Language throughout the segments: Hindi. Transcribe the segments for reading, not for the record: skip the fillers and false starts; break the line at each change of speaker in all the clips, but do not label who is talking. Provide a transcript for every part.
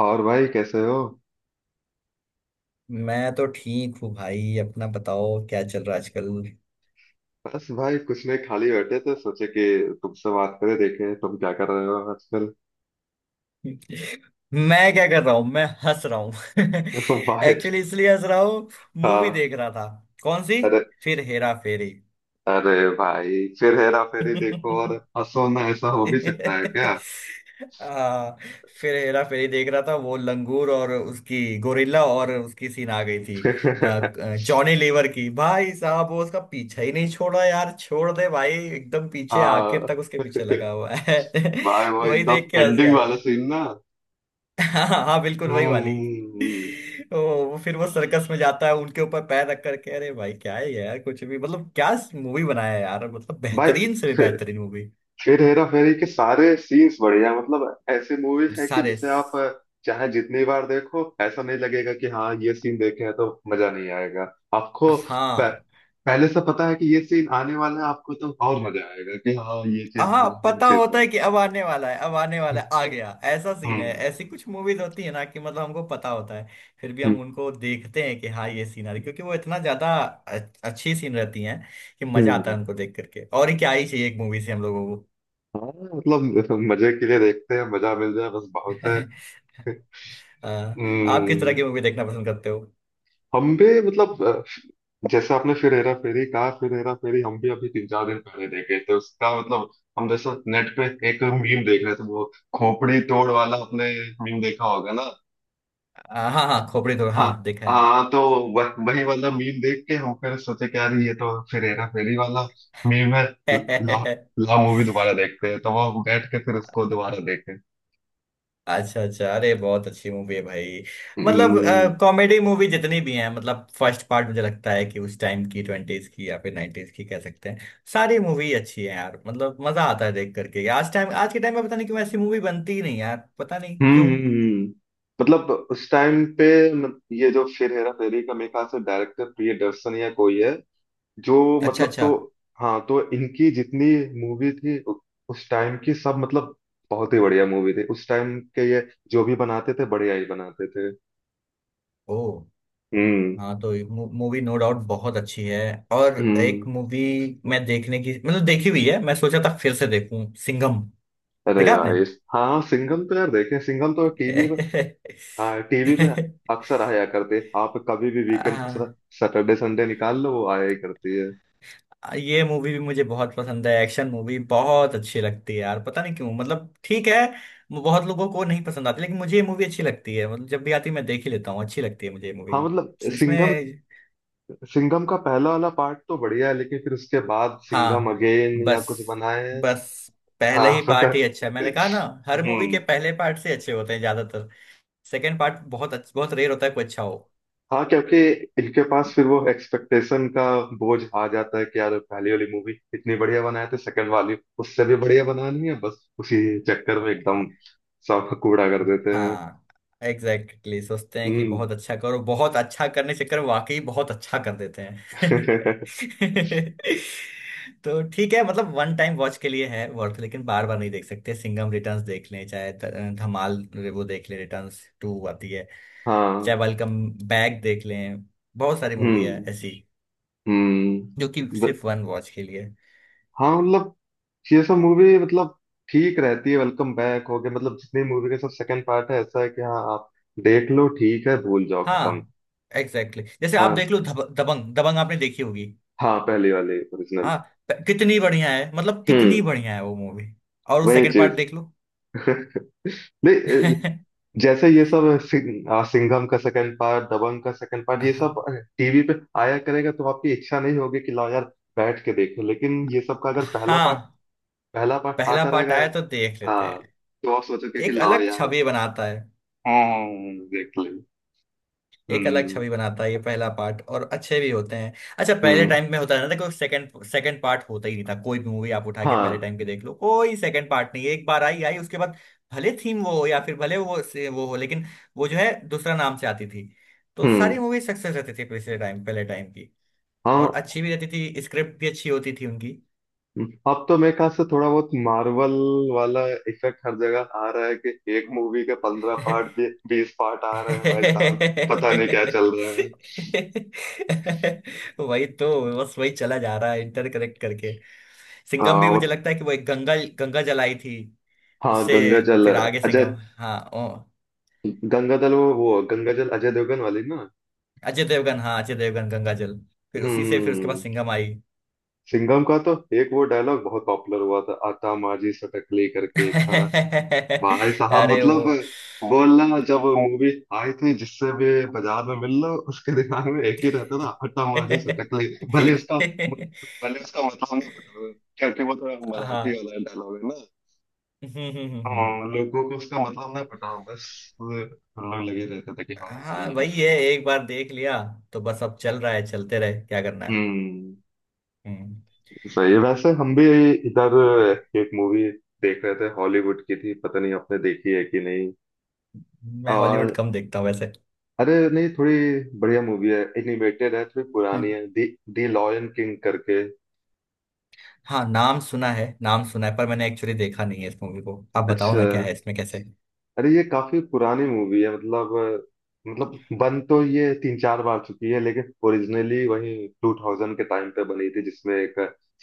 और भाई कैसे हो।
मैं तो ठीक हूँ भाई। अपना बताओ क्या चल रहा है आजकल।
बस भाई कुछ नहीं, खाली बैठे थे, सोचे कि तुमसे बात करें, देखें तुम क्या कर रहे हो आजकल।
मैं क्या कर रहा हूँ? मैं हंस रहा हूँ।
भाई
एक्चुअली इसलिए हंस रहा हूँ, मूवी
हाँ।
देख रहा था। कौन सी?
अरे,
फिर हेरा फेरी।
अरे भाई, फिर हेरा फेरी देखो और हंसो ना, ऐसा हो भी सकता है क्या?
आ, फिर हेरा फेरी देख रहा था, वो लंगूर और उसकी गोरिल्ला और उसकी सीन आ गई थी। आ, जॉनी लीवर की, भाई साहब, वो उसका पीछा ही नहीं छोड़ा यार। छोड़ दे भाई एकदम, पीछे आखिर
हाँ
तक उसके पीछे लगा हुआ है।
भाई, वो
वही देख के
एकदम
हंसे आ
एंडिंग
रहे
वाला
थे।
सीन ना।
हाँ हाँ, बिल्कुल
हम्म
वही वाली।
हम्म, हम्म।
ओ, वो फिर वो सर्कस में जाता है उनके ऊपर पैर रख करके। अरे भाई क्या है यार, कुछ भी, मतलब क्या मूवी बनाया है यार, मतलब
भाई
बेहतरीन से भी
फिर
बेहतरीन मूवी।
हेरा फेरी के सारे सीन्स बढ़िया, मतलब ऐसे मूवीज है कि
सारे।
जिसे आप चाहे जितनी बार देखो ऐसा नहीं लगेगा कि हाँ ये सीन देखे हैं तो मजा नहीं आएगा आपको।
हाँ
प- पहले से पता है कि ये सीन आने वाला है आपको, तो और मजा आएगा कि हाँ ये चीज
हाँ,
होगा वो
पता
चीज होगा।
होता है कि अब आने वाला है, अब आने वाला है, आ गया। ऐसा सीन है।
हम्म
ऐसी कुछ मूवीज होती है ना, कि मतलब हमको पता होता है, फिर भी
हम्म
हम उनको देखते हैं कि हाँ ये सीन आ रही, क्योंकि वो इतना ज्यादा अच्छी सीन रहती हैं कि मजा आता है
हम्म।
उनको देख करके। और ही क्या ही चाहिए एक मूवी से हम लोगों को।
हाँ मतलब मजे के लिए देखते हैं, मजा मिल जाए बस बहुत है।
आप किस तरह
हम्म।
की मूवी देखना पसंद करते हो?
हम भी मतलब जैसे आपने फिर हेरा फेरी कहा, फिर हेरा फेरी हम भी अभी 3 4 दिन पहले देखे थे उसका मतलब। हम जैसे नेट पे एक मीम देख रहे थे, वो खोपड़ी तोड़ वाला, आपने मीम देखा होगा ना?
हाँ हाँ, खोपड़ी तो
हाँ।
हाँ देखा
हाँ तो वही वाला मीम देख के हम फिर सोचे कि यार ये तो फिर हेरा फेरी वाला मीम है। ला,
है।
ला मूवी दोबारा देखते हैं तो वो बैठ के फिर उसको दोबारा देखे।
अच्छा अच्छा, अरे बहुत अच्छी मूवी है भाई। मतलब कॉमेडी मूवी जितनी भी हैं, मतलब फर्स्ट पार्ट, मुझे लगता है कि उस टाइम की ट्वेंटीज की या फिर नाइनटीज की कह सकते हैं। सारी मूवी अच्छी है यार, मतलब मजा आता है देख करके। आज टाइम, आज के टाइम में पता नहीं क्यों ऐसी मूवी बनती ही नहीं यार, पता नहीं
हम्म
क्यों।
हम्म, हम्म। मतलब उस टाइम पे ये जो फिर हेरा फेरी का मेरे ख्याल से डायरेक्टर प्रियदर्शन या कोई है, जो
अच्छा
मतलब। तो
अच्छा।
हाँ, तो इनकी जितनी मूवी थी उस टाइम की सब, मतलब बहुत ही बढ़िया मूवी थी उस टाइम के। ये जो भी बनाते थे बढ़िया ही बनाते थे।
ओ।
हम्म
हाँ तो मूवी नो डाउट बहुत अच्छी है। और एक
हम्म।
मूवी मैं देखने की, मतलब देखी हुई है, मैं सोचा था फिर से देखूं, सिंघम।
अरे
देखा आपने?
भाई। हाँ सिंघम तो यार देखे, सिंघम तो टीवी पे। हाँ टीवी पे अक्सर आया करते, आप कभी भी वीकेंड पे
आ,
सैटरडे संडे निकाल लो, वो आया ही करती है।
ये मूवी भी मुझे बहुत पसंद है, एक्शन मूवी बहुत अच्छी लगती है यार पता नहीं क्यों। मतलब ठीक है, वो बहुत लोगों को नहीं पसंद आती, लेकिन मुझे ये मूवी अच्छी लगती है। मतलब जब भी आती है मैं देख ही लेता हूँ, अच्छी लगती है मुझे ये मूवी।
हाँ मतलब सिंघम,
इसमें।
सिंघम का पहला वाला पार्ट तो बढ़िया है लेकिन फिर उसके बाद सिंघम
हाँ।
अगेन या
बस
कुछ बनाए हैं।
बस, पहले
हाँ।
ही पार्ट ही अच्छा है, मैंने कहा ना। हर मूवी के
हम्म।
पहले पार्ट से अच्छे होते हैं ज्यादातर। सेकेंड पार्ट बहुत अच्छा बहुत रेयर होता है कोई अच्छा हो।
हाँ क्योंकि इनके पास फिर वो एक्सपेक्टेशन का बोझ आ जाता है कि यार पहली वाली मूवी इतनी बढ़िया बनाए थे, सेकंड वाली उससे भी बढ़िया बनानी है, बस उसी चक्कर में एकदम सब कूड़ा कर देते हैं।
हाँ एग्जैक्टली exactly, सोचते हैं कि
हम्म।
बहुत अच्छा करो, बहुत अच्छा करने के चक्कर में वाकई बहुत अच्छा कर देते हैं। तो ठीक है, मतलब वन टाइम वॉच के लिए है वर्थ, लेकिन बार बार नहीं देख सकते। सिंघम रिटर्न्स देख लें, चाहे धमाल वो देख लें, रिटर्न्स टू आती है,
हाँ।
चाहे वेलकम बैक देख लें। बहुत सारी मूवी है
हम्म
ऐसी जो कि
हम्म।
सिर्फ वन वॉच के लिए।
हाँ मतलब ये सब मूवी मतलब ठीक रहती है, वेलकम बैक हो गया, मतलब जितनी मूवी के सब सेकंड पार्ट है ऐसा है कि हाँ आप देख लो ठीक है, भूल जाओ,
हाँ
खत्म।
Exactly exactly. जैसे आप
हाँ।
देख लो दबंग। दबंग आपने देखी होगी।
हाँ पहले वाले ओरिजिनल।
हाँ, कितनी बढ़िया है, मतलब कितनी
हम्म।
बढ़िया है वो मूवी। और वो
वही
सेकंड पार्ट
चीज।
देख लो।
नहीं। अ, जैसे ये सब सिंघम का सेकंड पार्ट, दबंग का सेकंड पार्ट ये
हाँ
सब टीवी पे आया करेगा तो आपकी इच्छा नहीं होगी कि लाओ यार बैठ के देखो, लेकिन ये सब का अगर पहला
हाँ,
पार्ट, पहला पार्ट
पहला
आता
पार्ट
रहेगा।
आया तो देख लेते
हाँ
हैं।
तो आप सोचोगे कि
एक
लाओ
अलग
यार,
छवि बनाता है,
हाँ देख ले।
एक अलग
हम्म
छवि बनाता है ये पहला पार्ट, और अच्छे भी होते हैं। अच्छा, पहले
हम्म।
टाइम में होता है ना, देखो सेकंड सेकंड पार्ट होता ही नहीं था। कोई भी मूवी आप उठा के पहले
हाँ।
टाइम के देख लो, कोई सेकंड पार्ट नहीं है। एक बार आई आई, उसके बाद भले थीम वो हो या फिर भले वो वो हो लेकिन, वो जो है दूसरा नाम से आती थी। तो सारी
हम्म।
मूवी सक्सेस रहती थी पिछले टाइम, पहले टाइम की।
हाँ
और अच्छी भी रहती थी, स्क्रिप्ट भी अच्छी होती थी उनकी।
अब तो मेरे ख्याल से थोड़ा बहुत मार्वल वाला इफेक्ट हर जगह आ रहा है कि एक मूवी के 15 पार्ट, 20 पार्ट आ रहे हैं भाई साहब, पता नहीं क्या चल रहा है।
वही तो। बस वही चला जा रहा है इंटरकरेक्ट करके। सिंघम
हाँ
भी मुझे लगता है कि वो एक गंगा गंगा जलाई थी,
हाँ
उससे
गंगा जल,
फिर आगे
अजय
सिंघम। हाँ। ओ,
गंगा जल, वो गंगा जल अजय देवगन वाली ना।
अजय देवगन, हाँ अजय देवगन गंगा जल, फिर उसी
हम्म
से फिर उसके बाद
हम्म,
सिंघम आई।
सिंघम का तो एक वो डायलॉग बहुत पॉपुलर हुआ था, आता माझी सटकली करके एक था। भाई साहब
अरे
मतलब
वो।
बोलना जब मूवी आई थी, जिससे भी बाजार में मिल लो उसके दिमाग में एक ही रहता था, हट्टा मारी सटक ले। भले उसका भले उसका मतलब ना पता हो, क्योंकि वो थोड़ा मराठी
हाँ।
वाला डायलॉग है ना। हाँ लोगों को उसका मतलब ना पता हो, बस हम लोग लगे रहते थे कि हाँ भाई
हाँ
ये
वही है,
डायलॉग।
एक बार देख लिया तो बस, अब चल रहा है चलते रहे, क्या करना है।
हम्म।
हम्म।
सही है। वैसे हम भी इधर एक मूवी देख रहे थे, हॉलीवुड की थी, पता नहीं आपने देखी है कि
मैं
नहीं।
हॉलीवुड कम देखता हूँ वैसे।
अरे नहीं, थोड़ी बढ़िया मूवी है, एनिमेटेड है, थोड़ी पुरानी
हम्म,
है, दी दी लॉयन किंग करके।
हाँ नाम सुना है, नाम सुना है, पर मैंने एक्चुअली देखा नहीं है इस मूवी को। आप बताओ
अच्छा,
ना क्या है इसमें, कैसे?
अरे ये काफी पुरानी मूवी है मतलब मतलब बन तो ये 3 4 बार चुकी है लेकिन ओरिजिनली वही 2000 के टाइम पे बनी थी, जिसमें एक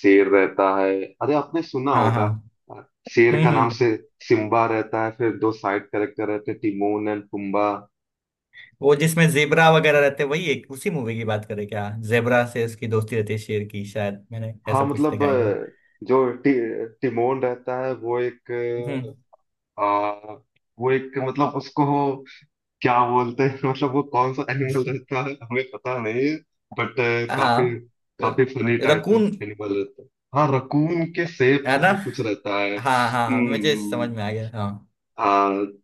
शेर रहता है, अरे आपने सुना
हाँ
होगा।
हाँ।
अ, शेर का नाम
हम्म।
से सिम्बा रहता है, फिर दो साइड कैरेक्टर रहते हैं टिमोन एंड पुम्बा।
वो जिसमें जेबरा वगैरह रहते हैं, वही एक उसी मूवी की बात करें क्या? जेबरा से उसकी दोस्ती रहती है शेर की, शायद मैंने
हाँ
ऐसा कुछ
मतलब
देखा है क्या?
जो टिमोन रहता है वो एक
हम्म।
आ, वो एक मतलब उसको क्या बोलते हैं मतलब वो कौन सा एनिमल रहता है हमें पता नहीं, बट काफी,
हाँ
काफी फनी टाइप का
रकून।
एनिमल रहता है। हाँ रकून के शेप
है
का
ना?
भी कुछ रहता है।
हाँ हाँ हाँ, मुझे समझ
हम्म।
में आ गया, हाँ।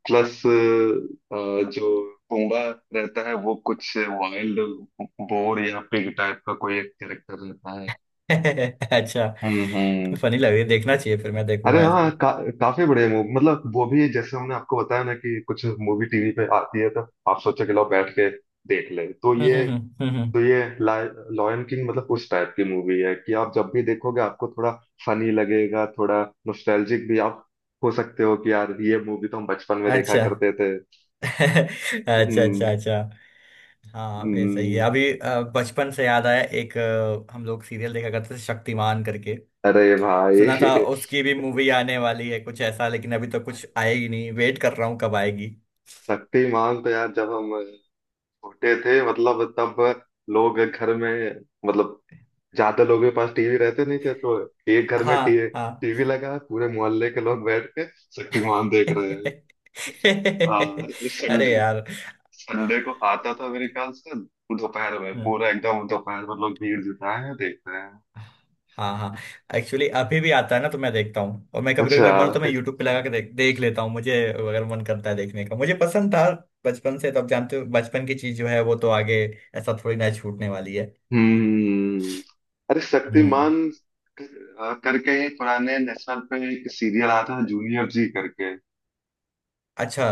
प्लस जो पूंगा रहता है वो कुछ वाइल्ड बोर या पिग टाइप का कोई एक कैरेक्टर रहता है।
अच्छा,
हम्म।
फनी लग रही है, देखना चाहिए, फिर मैं
अरे
देखूंगा
हाँ
इसको।
काफी बढ़िया मूवी, मतलब वो भी जैसे हमने आपको बताया ना कि कुछ मूवी टीवी पे आती है तो आप सोचो कि लो बैठ के देख ले, तो
हम्म
ये
हम्म हम्म हम्म, हम्म।
तो ये लॉयन किंग मतलब उस टाइप की मूवी है कि आप जब भी देखोगे आपको थोड़ा फनी लगेगा, थोड़ा नॉस्टैल्जिक भी आप हो सकते हो कि यार ये मूवी तो हम बचपन में देखा
अच्छा।
करते थे।
अच्छा
हम्म
अच्छा अच्छा। हाँ फिर सही है।
हम्म,
अभी बचपन से याद आया एक, हम लोग सीरियल देखा करते थे शक्तिमान करके।
अरे भाई।
सुना था उसकी भी मूवी आने वाली है कुछ ऐसा, लेकिन अभी तो कुछ आएगी नहीं, वेट कर रहा हूँ कब आएगी।
शक्तिमान तो यार जब हम छोटे थे, मतलब तब लोग घर में मतलब ज्यादा लोगों के पास टीवी रहते नहीं थे तो एक घर में
हाँ हाँ।
टीवी लगा पूरे मोहल्ले के लोग बैठ के शक्तिमान देख रहे हैं। हाँ
अरे
संडे,
यार।
संडे को आता था मेरे ख्याल से, दोपहर में
हम्म।
पूरा एकदम दोपहर में लोग भीड़ जुटाए हैं देख रहे हैं।
हाँ हाँ, एक्चुअली अभी भी आता है ना तो मैं देखता हूँ, और मैं कभी कभी
अच्छा।
मेरा मन हो तो मैं यूट्यूब पे लगा के देख देख लेता हूँ। मुझे अगर मन करता है देखने का, मुझे पसंद था बचपन से। तो अब जानते हो बचपन की चीज जो है वो तो आगे ऐसा थोड़ी ना छूटने वाली है।
हम्म। अरे
हम्म।
शक्तिमान करके ही पुराने नेशनल पे एक सीरियल आता है, जूनियर जी करके।
अच्छा।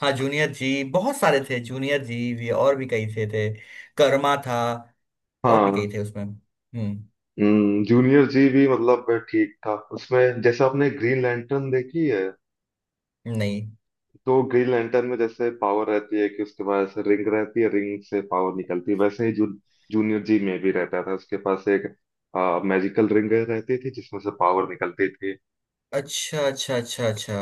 हाँ जूनियर जी बहुत सारे थे, जूनियर जी भी और भी कई थे थे। कर्मा था, और भी कई
हाँ।
थे उसमें। हम्म।
जूनियर जी भी मतलब ठीक था, उसमें जैसे आपने ग्रीन लैंटर्न देखी है
नहीं।
तो ग्रीन लैंटर्न में जैसे पावर रहती है कि उसके पास रिंग रहती है, रिंग से पावर निकलती है, वैसे ही जूनियर जी में भी रहता था उसके पास एक मैजिकल रिंग रहती थी जिसमें से पावर निकलती थी।
अच्छा अच्छा अच्छा अच्छा,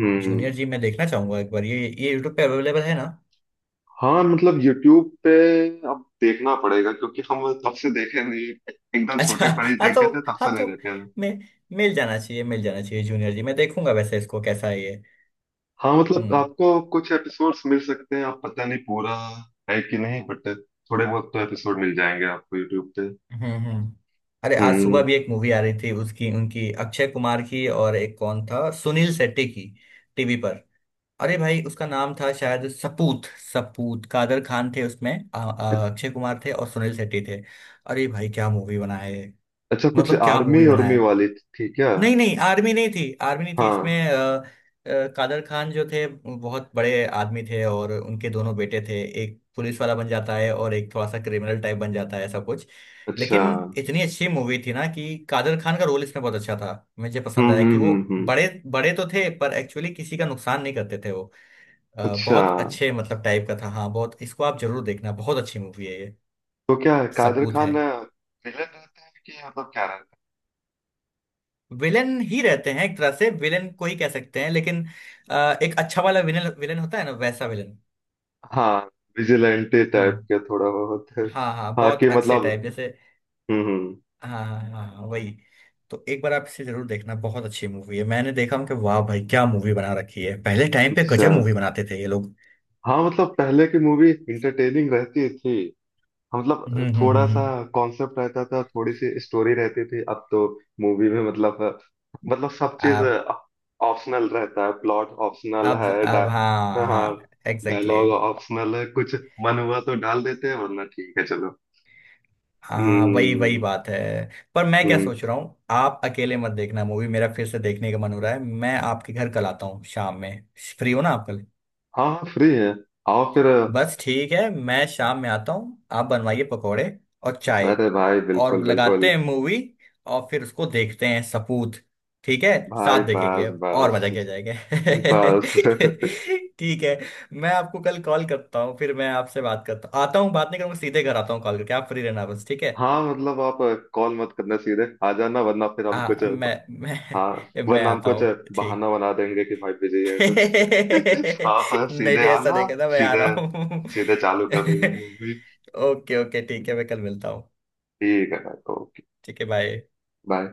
हम्म।
जूनियर जी मैं देखना चाहूंगा एक बार। ये यूट्यूब पे अवेलेबल है ना?
हाँ मतलब यूट्यूब पे अब देखना पड़ेगा क्योंकि हम तब से देखे नहीं, एकदम
अच्छा।
छोटे पर ही
हाँ तो।
देखे थे, तब
हाँ
से नहीं
तो।
देखे हैं।
मैं मिल जाना चाहिए, मिल जाना चाहिए जूनियर जी, मैं देखूंगा वैसे इसको, कैसा है ये?
हाँ मतलब
हम्म
आपको कुछ एपिसोड्स मिल सकते हैं, आप पता नहीं पूरा है कि नहीं, बट थोड़े बहुत तो एपिसोड मिल जाएंगे आपको यूट्यूब पे।
हम्म। अरे आज सुबह
हम्म।
भी एक मूवी आ रही थी उसकी, उनकी अक्षय कुमार की, और एक कौन था, सुनील शेट्टी की। टीवी पर अरे भाई उसका नाम था शायद सपूत। सपूत, कादर खान थे उसमें, अक्षय कुमार थे और सुनील शेट्टी थे। अरे भाई क्या मूवी बनाया है,
अच्छा कुछ
मतलब क्या मूवी
आर्मी
बनाया
उर्मी
है।
वाली थी क्या?
नहीं नहीं, आर्मी नहीं थी, आर्मी नहीं थी
हाँ।
इसमें। कादर खान जो थे, बहुत बड़े आदमी थे, और उनके दोनों बेटे थे, एक पुलिस वाला बन जाता है और एक थोड़ा सा क्रिमिनल टाइप बन जाता है, ऐसा कुछ।
अच्छा
लेकिन इतनी अच्छी मूवी थी ना कि कादर खान का रोल इसमें बहुत अच्छा था, मुझे पसंद आया कि वो
हम्म।
बड़े बड़े तो थे पर एक्चुअली किसी का नुकसान नहीं करते थे वो।
अच्छा,
बहुत अच्छे मतलब टाइप का था, हाँ बहुत, इसको आप जरूर देखना, बहुत अच्छी मूवी है ये
तो क्या है, कादर
सपूत है।
खान विलन रहता है कि मतलब क्या रहता
विलेन ही रहते हैं एक तरह से, विलेन को ही कह सकते हैं लेकिन एक अच्छा वाला विलेन, विलेन होता है ना वैसा विलेन।
है? हाँ विजिलेंटे टाइप
हम्म।
के थोड़ा बहुत है।
हाँ हाँ,
हाँ
बहुत
कि
अच्छे टाइप
मतलब।
जैसे।
हम्म हम्म,
हाँ हाँ हाँ हाँ, वही। तो एक बार आप इसे जरूर देखना, बहुत अच्छी मूवी है। मैंने देखा हूँ कि वाह भाई क्या मूवी बना रखी है, पहले टाइम पे
अच्छा।
गजब मूवी बनाते थे ये लोग।
हाँ मतलब पहले की मूवी इंटरटेनिंग रहती थी। हाँ,
हम्म
मतलब
हम्म हम्म
थोड़ा सा
हम्म।
कॉन्सेप्ट रहता था, थोड़ी सी स्टोरी रहती थी। अब तो मूवी में मतलब सब चीज
आप।
ऑप्शनल रहता है, प्लॉट ऑप्शनल
अब
है,
अब हाँ हाँ
हाँ
एग्जैक्टली।
डायलॉग ऑप्शनल है, कुछ मन हुआ तो डाल देते हैं वरना ठीक है चलो।
हाँ वही वही
हम्म
बात है। पर मैं
हम्म
क्या
हम्म।
सोच रहा हूँ, आप अकेले मत देखना मूवी, मेरा फिर से देखने का मन हो रहा है, मैं आपके घर कल आता हूँ शाम में। फ्री हो ना आप कल?
हाँ हाँ फ्री है, आओ फिर।
बस ठीक है, मैं शाम में आता हूँ, आप बनवाइए पकौड़े और चाय,
अरे भाई बिल्कुल
और लगाते
बिल्कुल।
हैं मूवी, और फिर उसको देखते हैं सपूत। ठीक है,
भाई
साथ
बस,
देखेंगे और मजा किया
बस,
जाएगा।
बस।
ठीक है। मैं आपको कल कॉल करता हूँ, फिर मैं आपसे बात करता हूँ, आता हूँ, बात नहीं करूँगा, सीधे घर आता हूँ कॉल करके। आप फ्री रहना बस, ठीक है?
हाँ मतलब आप कॉल मत करना, सीधे आ जाना, वरना फिर हम
हाँ
कुछ।
मैं
हाँ
मैं मैं
वरना हम
आता
कुछ
हूँ,
बहाना
ठीक।
बना देंगे कि भाई बिजी है कुछ। हाँ हाँ
नहीं
सीधे
नहीं ऐसा
आना,
नहीं करना, मैं आ
सीधे,
रहा हूँ।
सीधे चालू कर देंगे मूवी।
ओके ओके, ठीक है मैं कल मिलता हूँ।
ठीक है। ओके।
ठीक है, बाय।
बाय।